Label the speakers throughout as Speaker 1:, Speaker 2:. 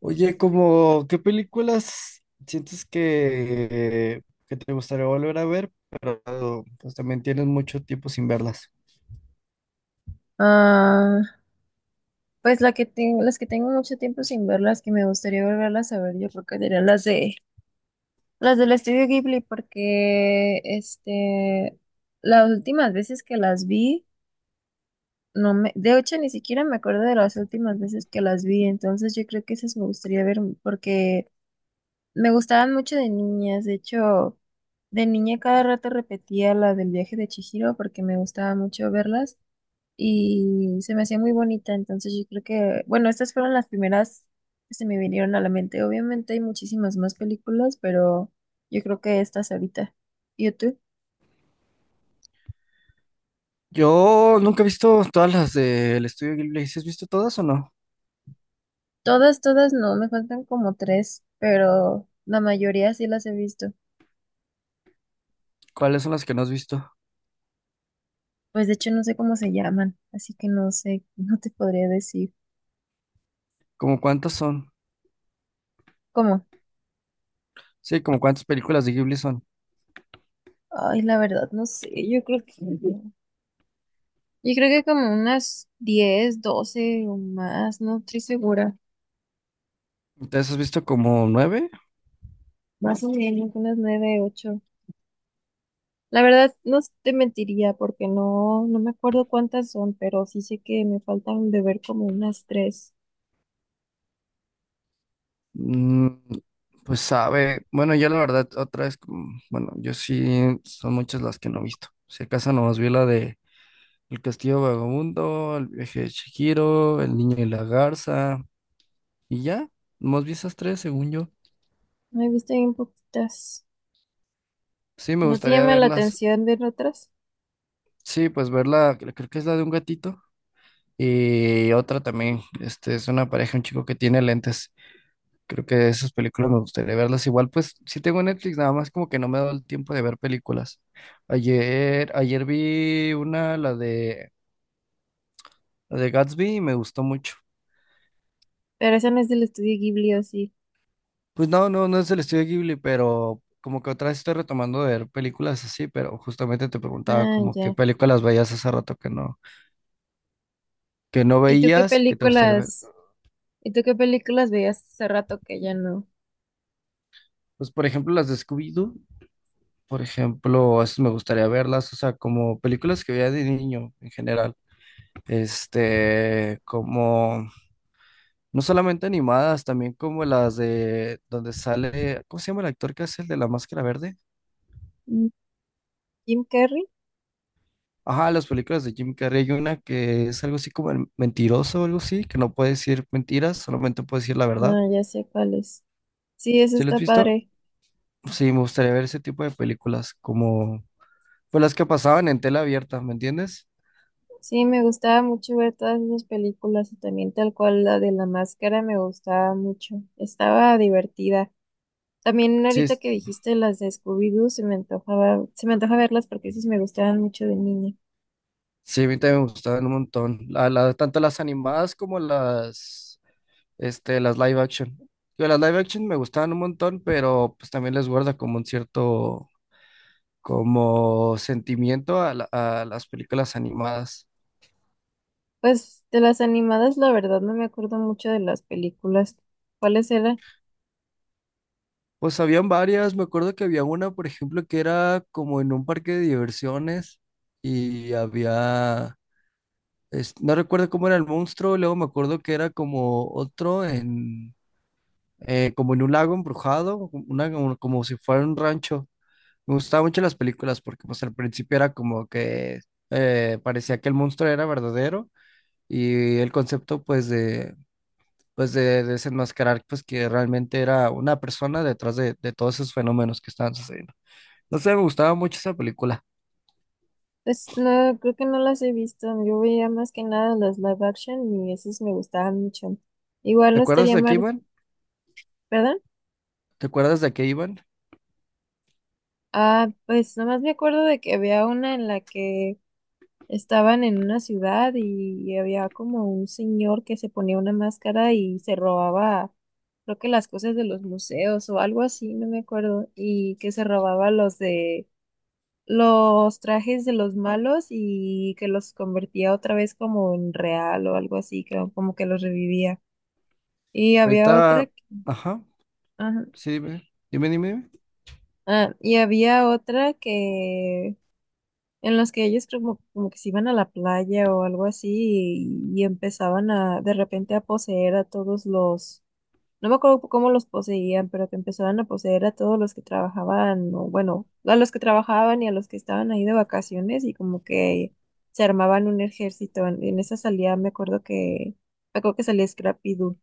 Speaker 1: Oye, como, ¿qué películas sientes que te gustaría volver a ver, pero pues también tienes mucho tiempo sin verlas?
Speaker 2: Ah, pues la que tengo, las que tengo mucho tiempo sin ver, las que me gustaría volverlas a ver, yo creo que serían las del estudio Ghibli, porque las últimas veces que las vi, de hecho ni siquiera me acuerdo de las últimas veces que las vi, entonces yo creo que esas me gustaría ver porque me gustaban mucho de niñas, de hecho, de niña cada rato repetía la del viaje de Chihiro porque me gustaba mucho verlas, y se me hacía muy bonita, entonces yo creo que, bueno, estas fueron las primeras que se me vinieron a la mente. Obviamente hay muchísimas más películas, pero yo creo que estas ahorita. ¿Y tú?
Speaker 1: Yo nunca he visto todas las del estudio Ghibli. ¿Sí has visto todas o no?
Speaker 2: Todas, todas no, me faltan como tres, pero la mayoría sí las he visto.
Speaker 1: ¿Cuáles son las que no has visto?
Speaker 2: Pues de hecho no sé cómo se llaman, así que no sé, no te podría decir.
Speaker 1: ¿Cómo cuántas son?
Speaker 2: ¿Cómo?
Speaker 1: Sí, como cuántas películas de Ghibli son.
Speaker 2: Ay, la verdad, no sé, yo creo que... Yo creo que como unas 10 12 o más, no estoy segura.
Speaker 1: Entonces, ¿has visto como nueve?
Speaker 2: Más o menos, unas 9 8. La verdad, no te mentiría porque no, no me acuerdo cuántas son, pero sí sé que me faltan de ver como unas tres.
Speaker 1: Mm, pues sabe, bueno, yo la verdad, otra vez, bueno, yo sí, son muchas las que no he visto. Si acaso nomás vi la de El Castillo Vagabundo, El viaje de Chihiro, El Niño y la Garza, y ya, nomás vi esas tres, según yo.
Speaker 2: No he visto bien poquitas.
Speaker 1: Sí, me
Speaker 2: ¿No te
Speaker 1: gustaría
Speaker 2: llama la
Speaker 1: verlas.
Speaker 2: atención ver otras?
Speaker 1: Sí, pues verla, creo que es la de un gatito. Y otra también, este, es una pareja, un chico que tiene lentes. Creo que esas películas me gustaría verlas. Igual, pues sí tengo Netflix, nada más como que no me he dado el tiempo de ver películas. Ayer vi una, la de Gatsby, y me gustó mucho.
Speaker 2: ¿Pero esa no es del estudio Ghibli, o sí?
Speaker 1: Pues no, no, no es del estudio Ghibli, pero como que otra vez estoy retomando de ver películas así, pero justamente te preguntaba
Speaker 2: Ah,
Speaker 1: como qué
Speaker 2: ya.
Speaker 1: películas veías hace rato que no
Speaker 2: ¿Y tú qué
Speaker 1: veías y que te gustaría ver.
Speaker 2: películas? ¿Y tú qué películas veías hace rato que ya no?
Speaker 1: Pues por ejemplo las de Scooby-Doo, por ejemplo, esas me gustaría verlas, o sea, como películas que veía de niño en general. Este, como no solamente animadas, también como las de donde sale, ¿cómo se llama el actor que hace el de la máscara verde?
Speaker 2: Mm. ¿Jim Carrey?
Speaker 1: Ajá, las películas de Jim Carrey, hay una que es algo así como el mentiroso o algo así, que no puede decir mentiras, solamente puede decir la verdad.
Speaker 2: Ah, ya sé cuál es. Sí, eso
Speaker 1: ¿Sí lo has
Speaker 2: está
Speaker 1: visto?
Speaker 2: padre.
Speaker 1: Sí, me gustaría ver ese tipo de películas, como pues las que pasaban en tela abierta, ¿me entiendes?
Speaker 2: Sí, me gustaba mucho ver todas esas películas y también tal cual la de la máscara me gustaba mucho. Estaba divertida. También
Speaker 1: Sí,
Speaker 2: ahorita
Speaker 1: es-
Speaker 2: que dijiste las de Scooby-Doo, se me antojaba, se me antoja verlas porque sí me gustaban mucho de niña.
Speaker 1: sí, a mí también me gustaban un montón, tanto las animadas como las este, las live action. Yo las live action me gustaban un montón, pero pues también les guarda como un cierto, como sentimiento a las películas animadas.
Speaker 2: Pues de las animadas, la verdad, no me acuerdo mucho de las películas. ¿Cuáles eran?
Speaker 1: Pues habían varias, me acuerdo que había una, por ejemplo, que era como en un parque de diversiones y había, no recuerdo cómo era el monstruo, luego me acuerdo que era como otro en, como en un lago embrujado, una, como si fuera un rancho. Me gustaban mucho las películas porque pues al principio era como que parecía que el monstruo era verdadero y el concepto pues de desenmascarar pues que realmente era una persona detrás de todos esos fenómenos que estaban sucediendo. No sé, me gustaba mucho esa película.
Speaker 2: Pues no, creo que no las he visto. Yo veía más que nada las live action y esas me gustaban mucho. Igual
Speaker 1: ¿Te
Speaker 2: no
Speaker 1: acuerdas
Speaker 2: estaría
Speaker 1: de qué
Speaker 2: mal,
Speaker 1: iban?
Speaker 2: ¿verdad?
Speaker 1: ¿Te acuerdas de qué iban?
Speaker 2: Ah, pues nomás me acuerdo de que había una en la que estaban en una ciudad y había como un señor que se ponía una máscara y se robaba, creo que las cosas de los museos o algo así, no me acuerdo, y que se robaba los de los trajes de los malos y que los convertía otra vez como en real o algo así, que- como que los revivía. Y había otra,
Speaker 1: Ahorita, ajá,
Speaker 2: ajá,
Speaker 1: sí, dime.
Speaker 2: ah, y había otra que en los que ellos como, como que se iban a la playa o algo así y empezaban a de repente a poseer a todos los, no me acuerdo cómo los poseían, pero que empezaban a poseer a todos los que trabajaban, o bueno, a los que trabajaban y a los que estaban ahí de vacaciones y como que se armaban un ejército. En esa salida me acuerdo que salía Scrappy Doo.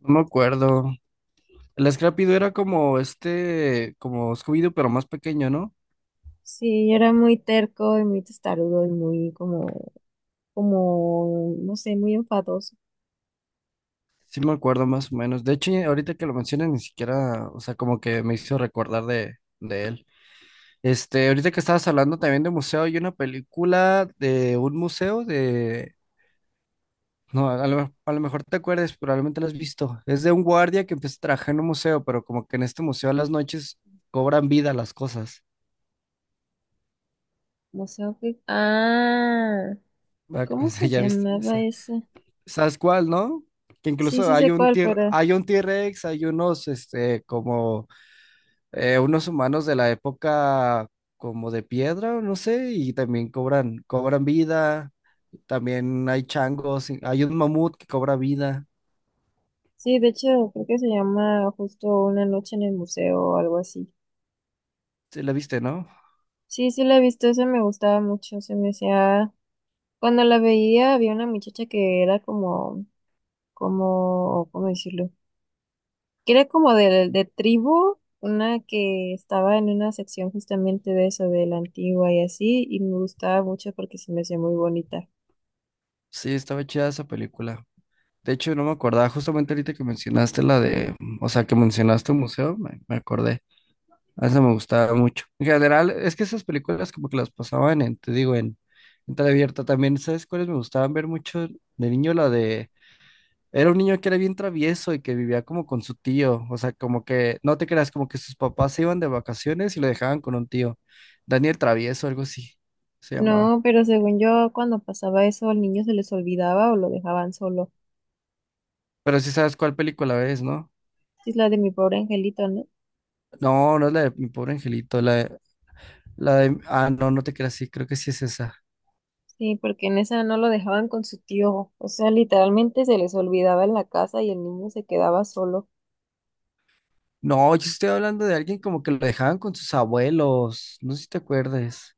Speaker 1: No me acuerdo. El Scrappy Doo era como este, como Scooby-Doo, pero más pequeño, ¿no?
Speaker 2: Sí, era muy terco y muy testarudo y muy como, no sé, muy enfadoso.
Speaker 1: Sí me acuerdo más o menos. De hecho, ahorita que lo mencionas, ni siquiera, o sea, como que me hizo recordar de él. Este, ahorita que estabas hablando también de museo, hay una película de un museo de... No, a lo mejor te acuerdes, probablemente la has visto. Es de un guardia que empieza a trabajar en un museo, pero como que en este museo a las noches cobran vida las cosas.
Speaker 2: No sé, ok. Ah.
Speaker 1: Va- o
Speaker 2: ¿Cómo
Speaker 1: sea,
Speaker 2: se
Speaker 1: ya viste, ya
Speaker 2: llamaba
Speaker 1: sa-
Speaker 2: esa?
Speaker 1: ¿Sabes cuál, no? Que
Speaker 2: Sí,
Speaker 1: incluso
Speaker 2: sí sé cuál, pero
Speaker 1: hay un T-Rex, hay unos, este, como unos humanos de la época como de piedra, no sé, y también cobran vida. También hay changos, y hay un mamut que cobra vida.
Speaker 2: sí, de hecho creo que se llama justo Una noche en el museo o algo así.
Speaker 1: Sí, la viste, ¿no?
Speaker 2: Sí, sí la he visto, esa me gustaba mucho, se me hacía... Cuando la veía había una muchacha que era como, como, ¿cómo decirlo? Que era como de tribu, una que estaba en una sección justamente de eso, de la antigua y así, y me gustaba mucho porque se me hacía muy bonita.
Speaker 1: Sí, estaba chida esa película. De hecho, no me acordaba, justamente ahorita que mencionaste la de, o sea, que mencionaste un museo, me acordé. A esa me gustaba mucho. En general, es que esas películas como que las pasaban en, te digo, en abierta. También, ¿sabes cuáles me gustaban ver mucho de niño? La de era un niño que era bien travieso y que vivía como con su tío, o sea, como que, no te creas, como que sus papás se iban de vacaciones y lo dejaban con un tío. Daniel Travieso, algo así se llamaba.
Speaker 2: No, pero según yo, cuando pasaba eso, al niño se les olvidaba o lo dejaban solo.
Speaker 1: Pero sí sabes cuál película es, ¿no?
Speaker 2: Sí, es la de Mi Pobre Angelito, ¿no?
Speaker 1: No, no es la de Mi Pobre Angelito, ah, no, no te creas, sí, creo que sí es esa.
Speaker 2: Sí, porque en esa no lo dejaban con su tío. O sea, literalmente se les olvidaba en la casa y el niño se quedaba solo.
Speaker 1: No, yo estoy hablando de alguien como que lo dejaban con sus abuelos, no sé si te acuerdes.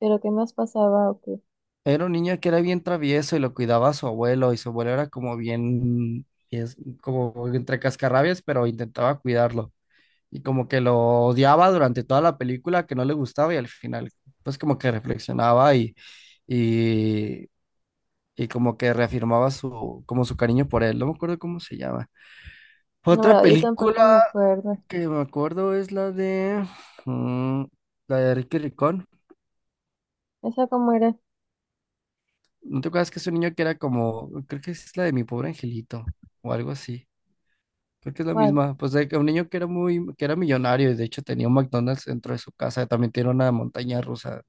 Speaker 2: Pero ¿qué más pasaba o qué?
Speaker 1: Era un niño que era bien travieso y lo cuidaba a su abuelo y su abuelo era como bien, es como entre cascarrabias, pero intentaba cuidarlo. Y como que lo odiaba durante toda la película, que no le gustaba y al final, pues como que y, y como que reafirmaba como su cariño por él. No me acuerdo cómo se llama.
Speaker 2: No,
Speaker 1: Otra
Speaker 2: verdad, yo
Speaker 1: película
Speaker 2: tampoco me acuerdo.
Speaker 1: que me acuerdo es mm, la de Ricky Ricón.
Speaker 2: ¿Esa cómo era?
Speaker 1: ¿No te acuerdas que es un niño que era como, creo que es la de Mi Pobre Angelito o algo así? Creo que es la
Speaker 2: ¿Cuál?
Speaker 1: misma. Pues de que un niño que era millonario y de hecho tenía un McDonald's dentro de su casa. También tiene una montaña rusa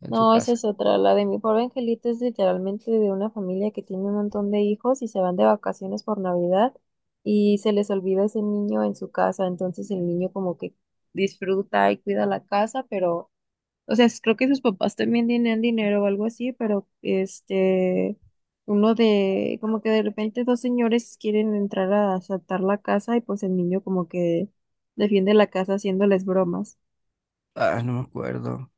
Speaker 1: en su
Speaker 2: No, esa
Speaker 1: casa.
Speaker 2: es otra. La de Mi Pobre Angelito es literalmente de una familia que tiene un montón de hijos y se van de vacaciones por Navidad y se les olvida ese niño en su casa. Entonces el niño como que disfruta y cuida la casa, pero o sea, creo que sus papás también tenían dinero o algo así, pero este, como que de repente dos señores quieren entrar a asaltar la casa y pues el niño como que defiende la casa haciéndoles bromas.
Speaker 1: Ah, no me acuerdo.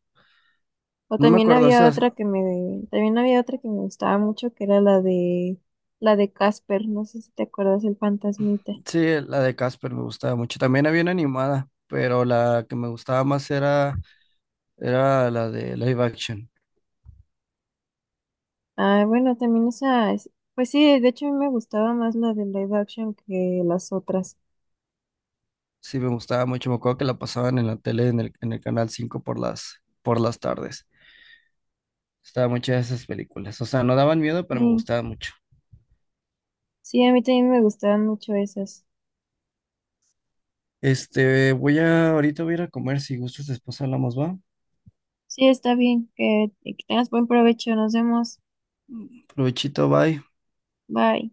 Speaker 2: O
Speaker 1: No me
Speaker 2: también
Speaker 1: acuerdo,
Speaker 2: había
Speaker 1: esas,
Speaker 2: otra que me, gustaba mucho, que era la de Casper, no sé si te acuerdas, el fantasmita.
Speaker 1: sí, la de Casper me gustaba mucho. También había una animada, pero la que me gustaba más era la de live action.
Speaker 2: Ah, bueno, también esa, pues sí, de hecho a mí me gustaba más la de live action que las otras.
Speaker 1: Sí, me gustaba mucho. Me acuerdo que la pasaban en la tele, en el canal 5 por las tardes. Estaba muchas de esas películas. O sea, no daban miedo, pero me
Speaker 2: Mm.
Speaker 1: gustaba mucho.
Speaker 2: Sí, a mí también me gustaban mucho esas.
Speaker 1: Este, ahorita voy a ir a comer. Si gustas, después hablamos, ¿va?
Speaker 2: Sí, está bien, que tengas buen provecho, nos vemos,
Speaker 1: Provechito, bye.
Speaker 2: bye.